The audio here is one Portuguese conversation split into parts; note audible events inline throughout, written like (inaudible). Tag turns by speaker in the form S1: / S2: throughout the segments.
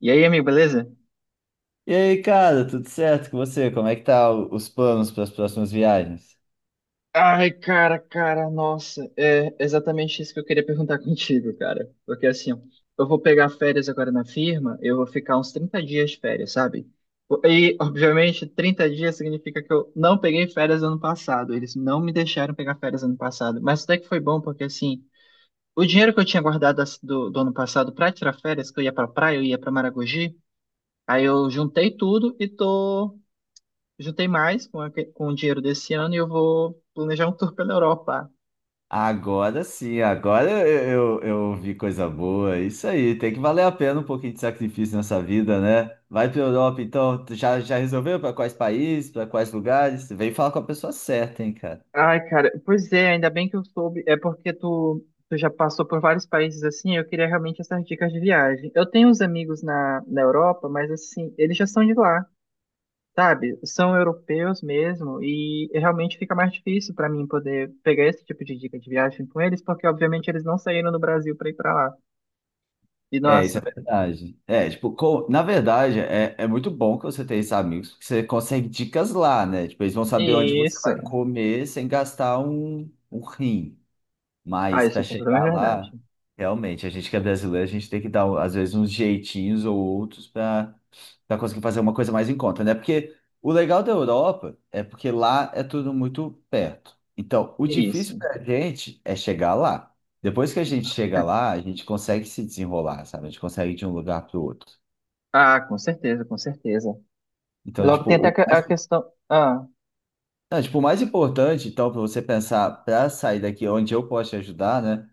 S1: E aí, amigo, beleza?
S2: E aí, cara, tudo certo com você? Como é que tá os planos para as próximas viagens?
S1: Ai, cara, cara, nossa, é exatamente isso que eu queria perguntar (laughs) contigo, cara. Porque assim, eu vou pegar férias agora na firma, eu vou ficar uns 30 dias de férias, sabe? E, obviamente, 30 dias significa que eu não peguei férias ano passado, eles não me deixaram pegar férias ano passado. Mas até que foi bom, porque assim, o dinheiro que eu tinha guardado do ano passado pra tirar férias, que eu ia pra praia, eu ia pra Maragogi, aí eu juntei tudo e tô juntei mais com, com o dinheiro desse ano e eu vou planejar um tour pela Europa.
S2: Agora sim, agora eu vi coisa boa. Isso aí, tem que valer a pena um pouquinho de sacrifício nessa vida, né? Vai para Europa, então, tu já resolveu para quais países, para quais lugares? Vem falar com a pessoa certa, hein, cara?
S1: Ai, cara, pois é, ainda bem que eu soube. É porque tu já passou por vários países assim, eu queria realmente essas dicas de viagem. Eu tenho uns amigos na Europa, mas assim, eles já são de lá, sabe? São europeus mesmo, e realmente fica mais difícil pra mim poder pegar esse tipo de dica de viagem com eles, porque obviamente eles não saíram do Brasil pra ir pra lá. E
S2: É, isso é
S1: nossa,
S2: verdade. É, tipo, na verdade, é muito bom que você tenha esses amigos, porque você consegue dicas lá, né? Tipo, eles vão saber onde você
S1: isso.
S2: vai comer sem gastar um rim.
S1: Ah,
S2: Mas
S1: isso
S2: para
S1: é completamente
S2: chegar
S1: verdade.
S2: lá, realmente, a gente que é brasileiro, a gente tem que dar, às vezes, uns jeitinhos ou outros para conseguir fazer uma coisa mais em conta, né? Porque o legal da Europa é porque lá é tudo muito perto. Então, o difícil
S1: Isso.
S2: para a gente é chegar lá. Depois que a gente chega lá, a gente consegue se desenrolar, sabe? A gente consegue ir de um lugar para o outro.
S1: Ah, com certeza, com certeza.
S2: Então,
S1: Logo
S2: tipo,
S1: tem até
S2: o mais,
S1: a questão. Ah,
S2: não, tipo, o mais importante, então, para você pensar, para sair daqui onde eu posso te ajudar, né?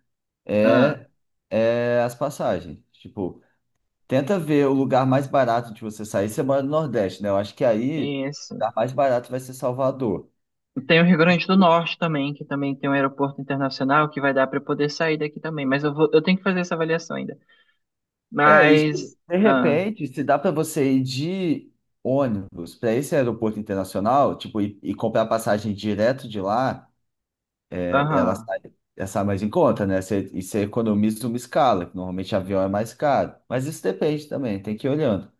S1: ah,
S2: É é as passagens. Tipo, tenta ver o lugar mais barato de você sair. Você mora no Nordeste, né? Eu acho que aí o
S1: isso.
S2: lugar mais barato vai ser Salvador.
S1: Tem o Rio Grande do Norte também, que também tem um aeroporto internacional que vai dar para eu poder sair daqui também. Mas eu tenho que fazer essa avaliação ainda.
S2: É, e, tipo,
S1: Mas.
S2: de
S1: Ah,
S2: repente, se dá para você ir de ônibus para esse aeroporto internacional, tipo, e comprar passagem direto de lá, é, ela
S1: aham.
S2: sai, ela sai mais em conta, né? Você, e você economiza uma escala, que normalmente avião é mais caro. Mas isso depende também, tem que ir olhando.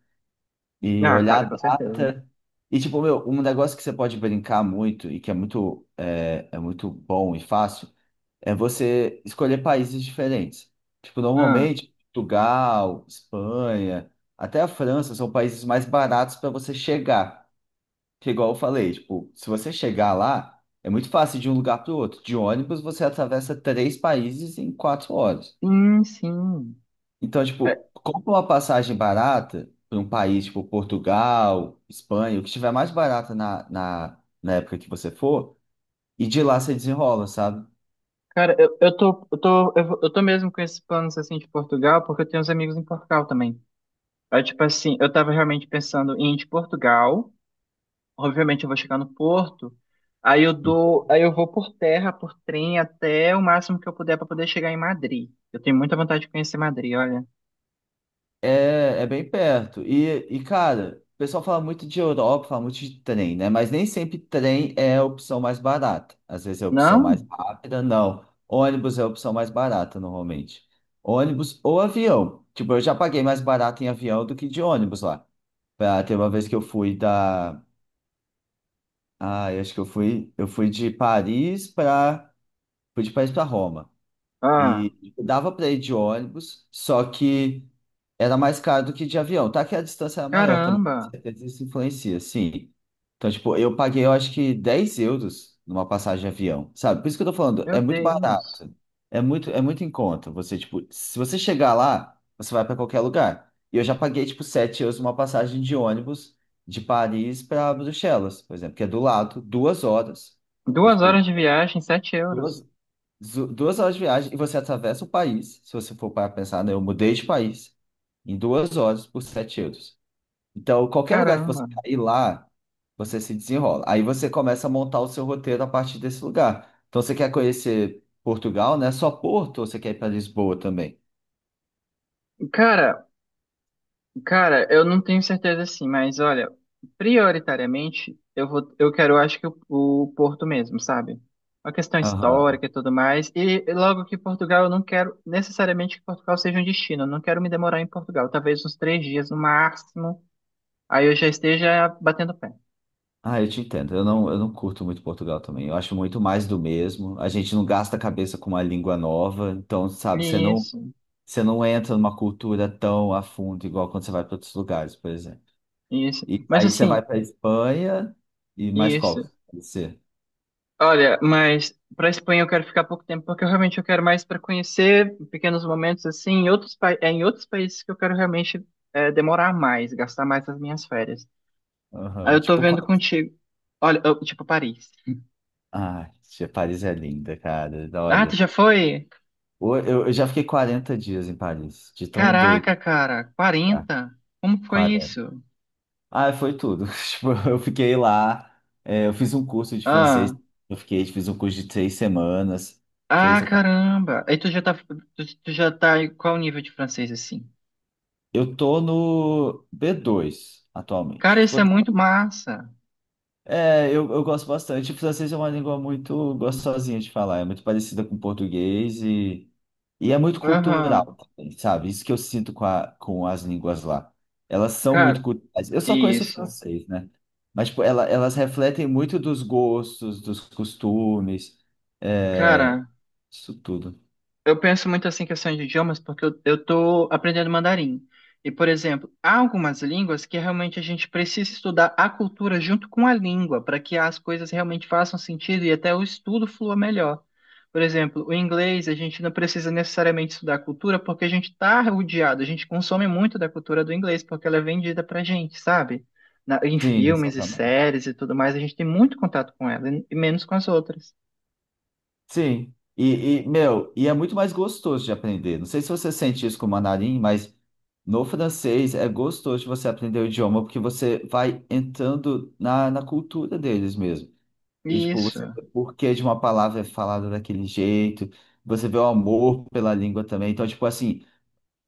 S2: E
S1: Ah,
S2: olhar a
S1: cara, com certeza.
S2: data. E, tipo, meu, um negócio que você pode brincar muito e que é muito, é muito bom e fácil é você escolher países diferentes. Tipo,
S1: Ah,
S2: normalmente, Portugal, Espanha, até a França são países mais baratos para você chegar. Que é igual eu falei, tipo, se você chegar lá, é muito fácil de um lugar para o outro. De ônibus, você atravessa três países em 4 horas.
S1: sim, sim.
S2: Então,
S1: É,
S2: tipo, compra uma passagem barata para um país, tipo, Portugal, Espanha, o que estiver mais barata na época que você for, e de lá você desenrola, sabe?
S1: cara, eu tô mesmo com esses planos assim de Portugal, porque eu tenho uns amigos em Portugal também. Aí, tipo assim, eu tava realmente pensando em ir de Portugal. Obviamente eu vou chegar no Porto, aí eu vou por terra, por trem até o máximo que eu puder para poder chegar em Madrid. Eu tenho muita vontade de conhecer Madrid, olha.
S2: É, é bem perto. E, cara, o pessoal fala muito de Europa, fala muito de trem, né? Mas nem sempre trem é a opção mais barata. Às vezes é a opção mais
S1: Não?
S2: rápida, não. Ônibus é a opção mais barata, normalmente. Ônibus ou avião. Tipo, eu já paguei mais barato em avião do que de ônibus lá. Pra, ter uma vez que eu fui da. Ah, eu acho que eu fui. Eu fui de Paris pra. Fui de Paris pra Roma.
S1: Ah,
S2: E dava para ir de ônibus, só que era mais caro do que de avião. Tá que a distância era maior também, com
S1: caramba.
S2: certeza isso influencia, sim. Então, tipo, eu paguei, eu acho que 10 euros numa passagem de avião, sabe? Por isso que eu tô falando,
S1: Meu
S2: é muito
S1: Deus.
S2: barato. É muito em conta. Você, tipo, se você chegar lá, você vai para qualquer lugar. E eu já paguei, tipo, 7 euros numa passagem de ônibus de Paris para Bruxelas, por exemplo, que é do lado, 2 horas. É
S1: Duas
S2: tipo.
S1: horas de viagem, 7 euros.
S2: duas 2 horas de viagem e você atravessa o país. Se você for para pensar, né? Eu mudei de país em 2 horas por 7 euros. Então, qualquer lugar que você
S1: Caramba.
S2: cair lá, você se desenrola. Aí você começa a montar o seu roteiro a partir desse lugar. Então, você quer conhecer Portugal, né? Só Porto ou você quer ir para Lisboa também?
S1: Cara, Cara, eu não tenho certeza assim, mas olha, prioritariamente eu quero, acho que o Porto mesmo, sabe? Uma questão
S2: Aham.
S1: histórica e tudo mais. E logo que Portugal, eu não quero necessariamente que Portugal seja um destino. Eu não quero me demorar em Portugal, talvez uns 3 dias no máximo. Aí eu já esteja batendo pé.
S2: Ah, eu te entendo. Eu não curto muito Portugal também. Eu acho muito mais do mesmo. A gente não gasta a cabeça com uma língua nova. Então, sabe, você não.
S1: Isso,
S2: Você não entra numa cultura tão a fundo, igual quando você vai para outros lugares, por exemplo.
S1: isso.
S2: E
S1: Mas
S2: aí você
S1: assim,
S2: vai para Espanha e mais qual?
S1: isso.
S2: Que pode ser.
S1: Olha, mas para Espanha eu quero ficar pouco tempo, porque eu realmente eu quero mais para conhecer pequenos momentos assim, em outros países que eu quero realmente demorar mais, gastar mais as minhas férias. Aí
S2: Aham,
S1: eu tô
S2: tipo, qual?
S1: vendo contigo. Olha, tipo Paris.
S2: Ah, tia, Paris é linda, cara.
S1: Ah, tu
S2: Olha,
S1: já foi?
S2: eu já fiquei 40 dias em Paris, de tão doido.
S1: Caraca, cara,
S2: Tá?
S1: 40? Como foi
S2: 40.
S1: isso?
S2: Ah, foi tudo. (laughs) Tipo, eu fiquei lá, é, eu fiz um curso de
S1: Ah,
S2: francês, eu fiquei, fiz um curso de 3 semanas,
S1: ah,
S2: três ou quatro.
S1: caramba. Aí tu já tá em qual nível de francês assim?
S2: Eu tô no B2 atualmente.
S1: Cara,
S2: Tipo,
S1: isso é muito massa.
S2: é, eu gosto bastante. O francês é uma língua muito gostosinha de falar, é muito parecida com o português e é muito
S1: Aham.
S2: cultural também, sabe? Isso que eu sinto com as línguas lá. Elas são muito
S1: Cara,
S2: culturais. Eu só conheço o
S1: isso.
S2: francês, né? Mas tipo, elas refletem muito dos gostos, dos costumes, é,
S1: Cara,
S2: isso tudo.
S1: eu penso muito assim em questão de idiomas porque eu tô aprendendo mandarim. E, por exemplo, há algumas línguas que realmente a gente precisa estudar a cultura junto com a língua para que as coisas realmente façam sentido e até o estudo flua melhor. Por exemplo, o inglês, a gente não precisa necessariamente estudar a cultura porque a gente está rodeado, a gente consome muito da cultura do inglês porque ela é vendida para gente, sabe? Em
S2: Sim,
S1: filmes e
S2: exatamente.
S1: séries e tudo mais, a gente tem muito contato com ela e menos com as outras.
S2: Sim. E, meu, e é muito mais gostoso de aprender. Não sei se você sente isso com o mandarim, mas no francês é gostoso de você aprender o idioma, porque você vai entrando na cultura deles mesmo. E, tipo, você
S1: Isso.
S2: vê o porquê de uma palavra é falada daquele jeito, você vê o amor pela língua também. Então, tipo assim,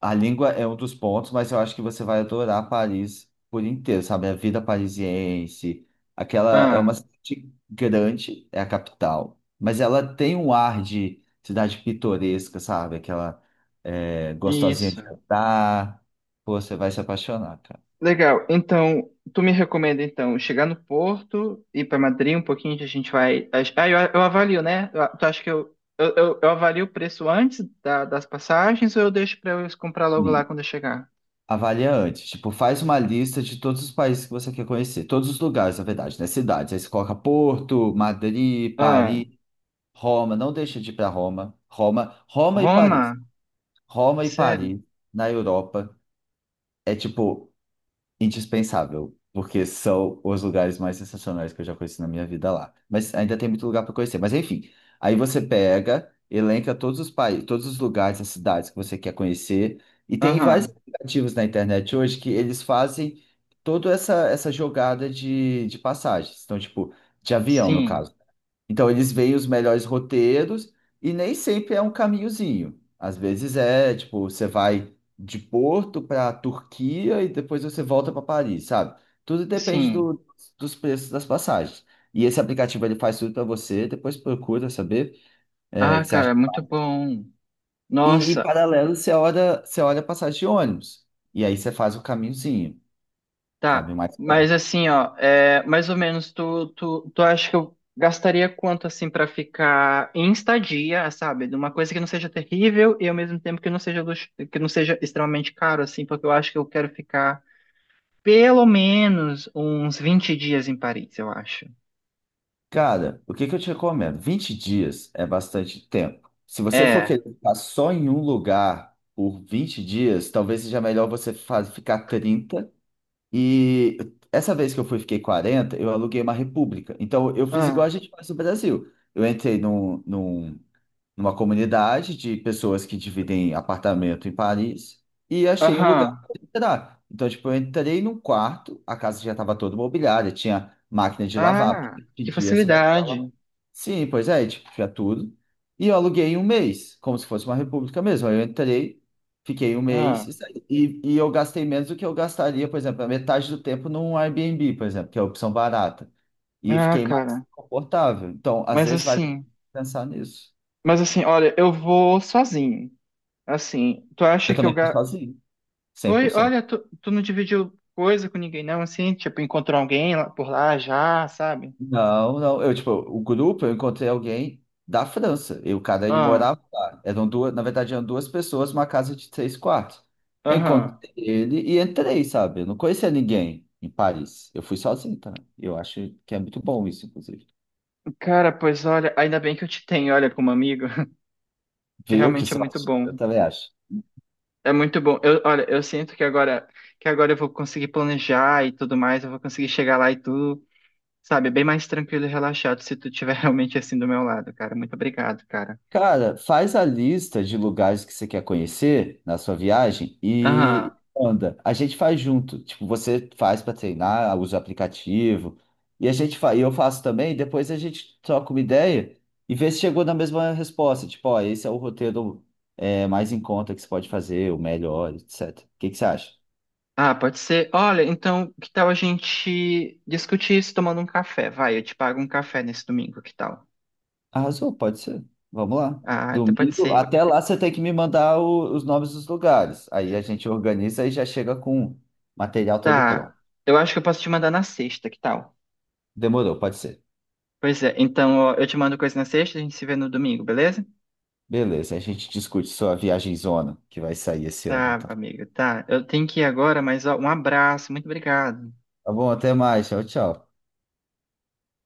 S2: a língua é um dos pontos, mas eu acho que você vai adorar Paris por inteiro, sabe? A vida parisiense, aquela é
S1: Ah,
S2: uma cidade grande, é a capital, mas ela tem um ar de cidade pitoresca, sabe? Aquela é, gostosinha
S1: isso.
S2: de andar. Pô, você vai se apaixonar, cara.
S1: Legal. Então, tu me recomenda então chegar no Porto, ir para Madrid um pouquinho, que a gente vai. Ah, eu avalio, né? Tu acha que eu avalio o preço antes das passagens ou eu deixo para eu comprar logo lá
S2: Sim.
S1: quando eu chegar?
S2: Avalia antes, tipo, faz uma lista de todos os países que você quer conhecer, todos os lugares, na verdade, né? Cidades. Aí você coloca Porto, Madrid,
S1: Ah,
S2: Paris, Roma. Não deixa de ir para Roma. Roma, Roma e
S1: Roma?
S2: Paris. Roma e
S1: Sério?
S2: Paris, na Europa, é tipo indispensável, porque são os lugares mais sensacionais que eu já conheci na minha vida lá. Mas ainda tem muito lugar para conhecer. Mas enfim, aí você pega, elenca todos os países, todos os lugares, as cidades que você quer conhecer. E tem vários
S1: Aham.
S2: aplicativos na internet hoje que eles fazem toda essa jogada de passagens. Então, tipo, de avião, no
S1: Sim,
S2: caso. Então eles veem os melhores roteiros e nem sempre é um caminhozinho. Às vezes é, tipo, você vai de Porto para Turquia e depois você volta para Paris, sabe? Tudo depende
S1: sim.
S2: dos preços das passagens. E esse aplicativo ele faz tudo para você, depois procura saber é, o
S1: Ah,
S2: que você
S1: cara,
S2: acha.
S1: muito bom.
S2: E em
S1: Nossa,
S2: paralelo, você olha a passagem de ônibus. E aí você faz o caminhozinho, sabe? O
S1: tá,
S2: mais
S1: mas
S2: perto.
S1: assim, ó, mais ou menos tu acha que eu gastaria quanto assim pra ficar em estadia, sabe? De uma coisa que não seja terrível e ao mesmo tempo que não seja extremamente caro assim, porque eu acho que eu quero ficar pelo menos uns 20 dias em Paris, eu acho.
S2: Cara, o que que eu te recomendo? 20 dias é bastante tempo. Se você for
S1: É.
S2: querer ficar só em um lugar por 20 dias, talvez seja melhor você ficar 30. E essa vez que eu fui, fiquei 40 eu aluguei uma república. Então, eu fiz igual
S1: Ah,
S2: a gente faz no Brasil. Eu entrei numa comunidade de pessoas que dividem apartamento em Paris e achei um lugar
S1: aham.
S2: para entrar. Então, tipo, eu entrei num quarto, a casa já estava toda mobiliada, tinha máquina de lavar,
S1: Ah,
S2: porque de
S1: que
S2: dia você vai precisar
S1: facilidade.
S2: lavar. Sim, pois é, tipo, tinha tudo. E eu aluguei um mês, como se fosse uma república mesmo. Aí eu entrei, fiquei um mês
S1: Ah,
S2: e saí. E eu gastei menos do que eu gastaria, por exemplo, a metade do tempo num Airbnb, por exemplo, que é a opção barata. E
S1: ah,
S2: fiquei mais
S1: cara.
S2: confortável. Então, às
S1: Mas
S2: vezes, vale a pena
S1: assim,
S2: pensar nisso.
S1: mas assim, olha, eu vou sozinho. Assim, tu acha
S2: Eu
S1: que eu,
S2: também fui
S1: ga-
S2: sozinho, cem por
S1: Oi,
S2: cento.
S1: olha, tu não dividiu coisa com ninguém, não, assim? Tipo, encontrou alguém por lá já, sabe?
S2: Não, não. Eu, tipo, o grupo, eu encontrei alguém da França. E o cara, ele
S1: Ah,
S2: morava lá. Eram duas, na verdade, eram duas pessoas numa casa de três quartos. Eu
S1: aham.
S2: encontrei ele e entrei, sabe? Eu não conhecia ninguém em Paris. Eu fui sozinho também. Eu acho que é muito bom isso, inclusive.
S1: Cara, pois olha, ainda bem que eu te tenho, olha, como amigo, (laughs) que
S2: Viu? Que
S1: realmente é muito
S2: sorte. Eu
S1: bom.
S2: também acho.
S1: É muito bom. Olha, eu sinto que agora eu vou conseguir planejar e tudo mais, eu vou conseguir chegar lá e tudo, sabe? Bem mais tranquilo e relaxado se tu tiver (laughs) realmente assim do meu lado, cara. Muito obrigado, cara.
S2: Cara, faz a lista de lugares que você quer conhecer na sua viagem
S1: Aham.
S2: e anda. A gente faz junto. Tipo, você faz para treinar, usa o aplicativo. E a gente fa... e eu faço também, depois a gente troca uma ideia e vê se chegou na mesma resposta. Tipo, ó, esse é o roteiro é, mais em conta que você pode fazer, o melhor, etc. O que que você acha?
S1: Ah, pode ser. Olha, então, que tal a gente discutir isso tomando um café? Vai, eu te pago um café nesse domingo, que tal?
S2: Arrasou, pode ser. Vamos lá.
S1: Ah, então pode
S2: Domingo,
S1: ser.
S2: até lá você tem que me mandar os nomes dos lugares. Aí a gente organiza e já chega com o material todo
S1: Tá.
S2: pronto.
S1: Eu acho que eu posso te mandar na sexta, que tal?
S2: Demorou, pode ser.
S1: Pois é, então ó, eu te mando coisa na sexta, a gente se vê no domingo, beleza?
S2: Beleza, a gente discute sua viagem zona que vai sair esse ano,
S1: Tá,
S2: então.
S1: amigo, tá. Eu tenho que ir agora, mas ó, um abraço, muito obrigado.
S2: Tá bom, até mais. Tchau, tchau.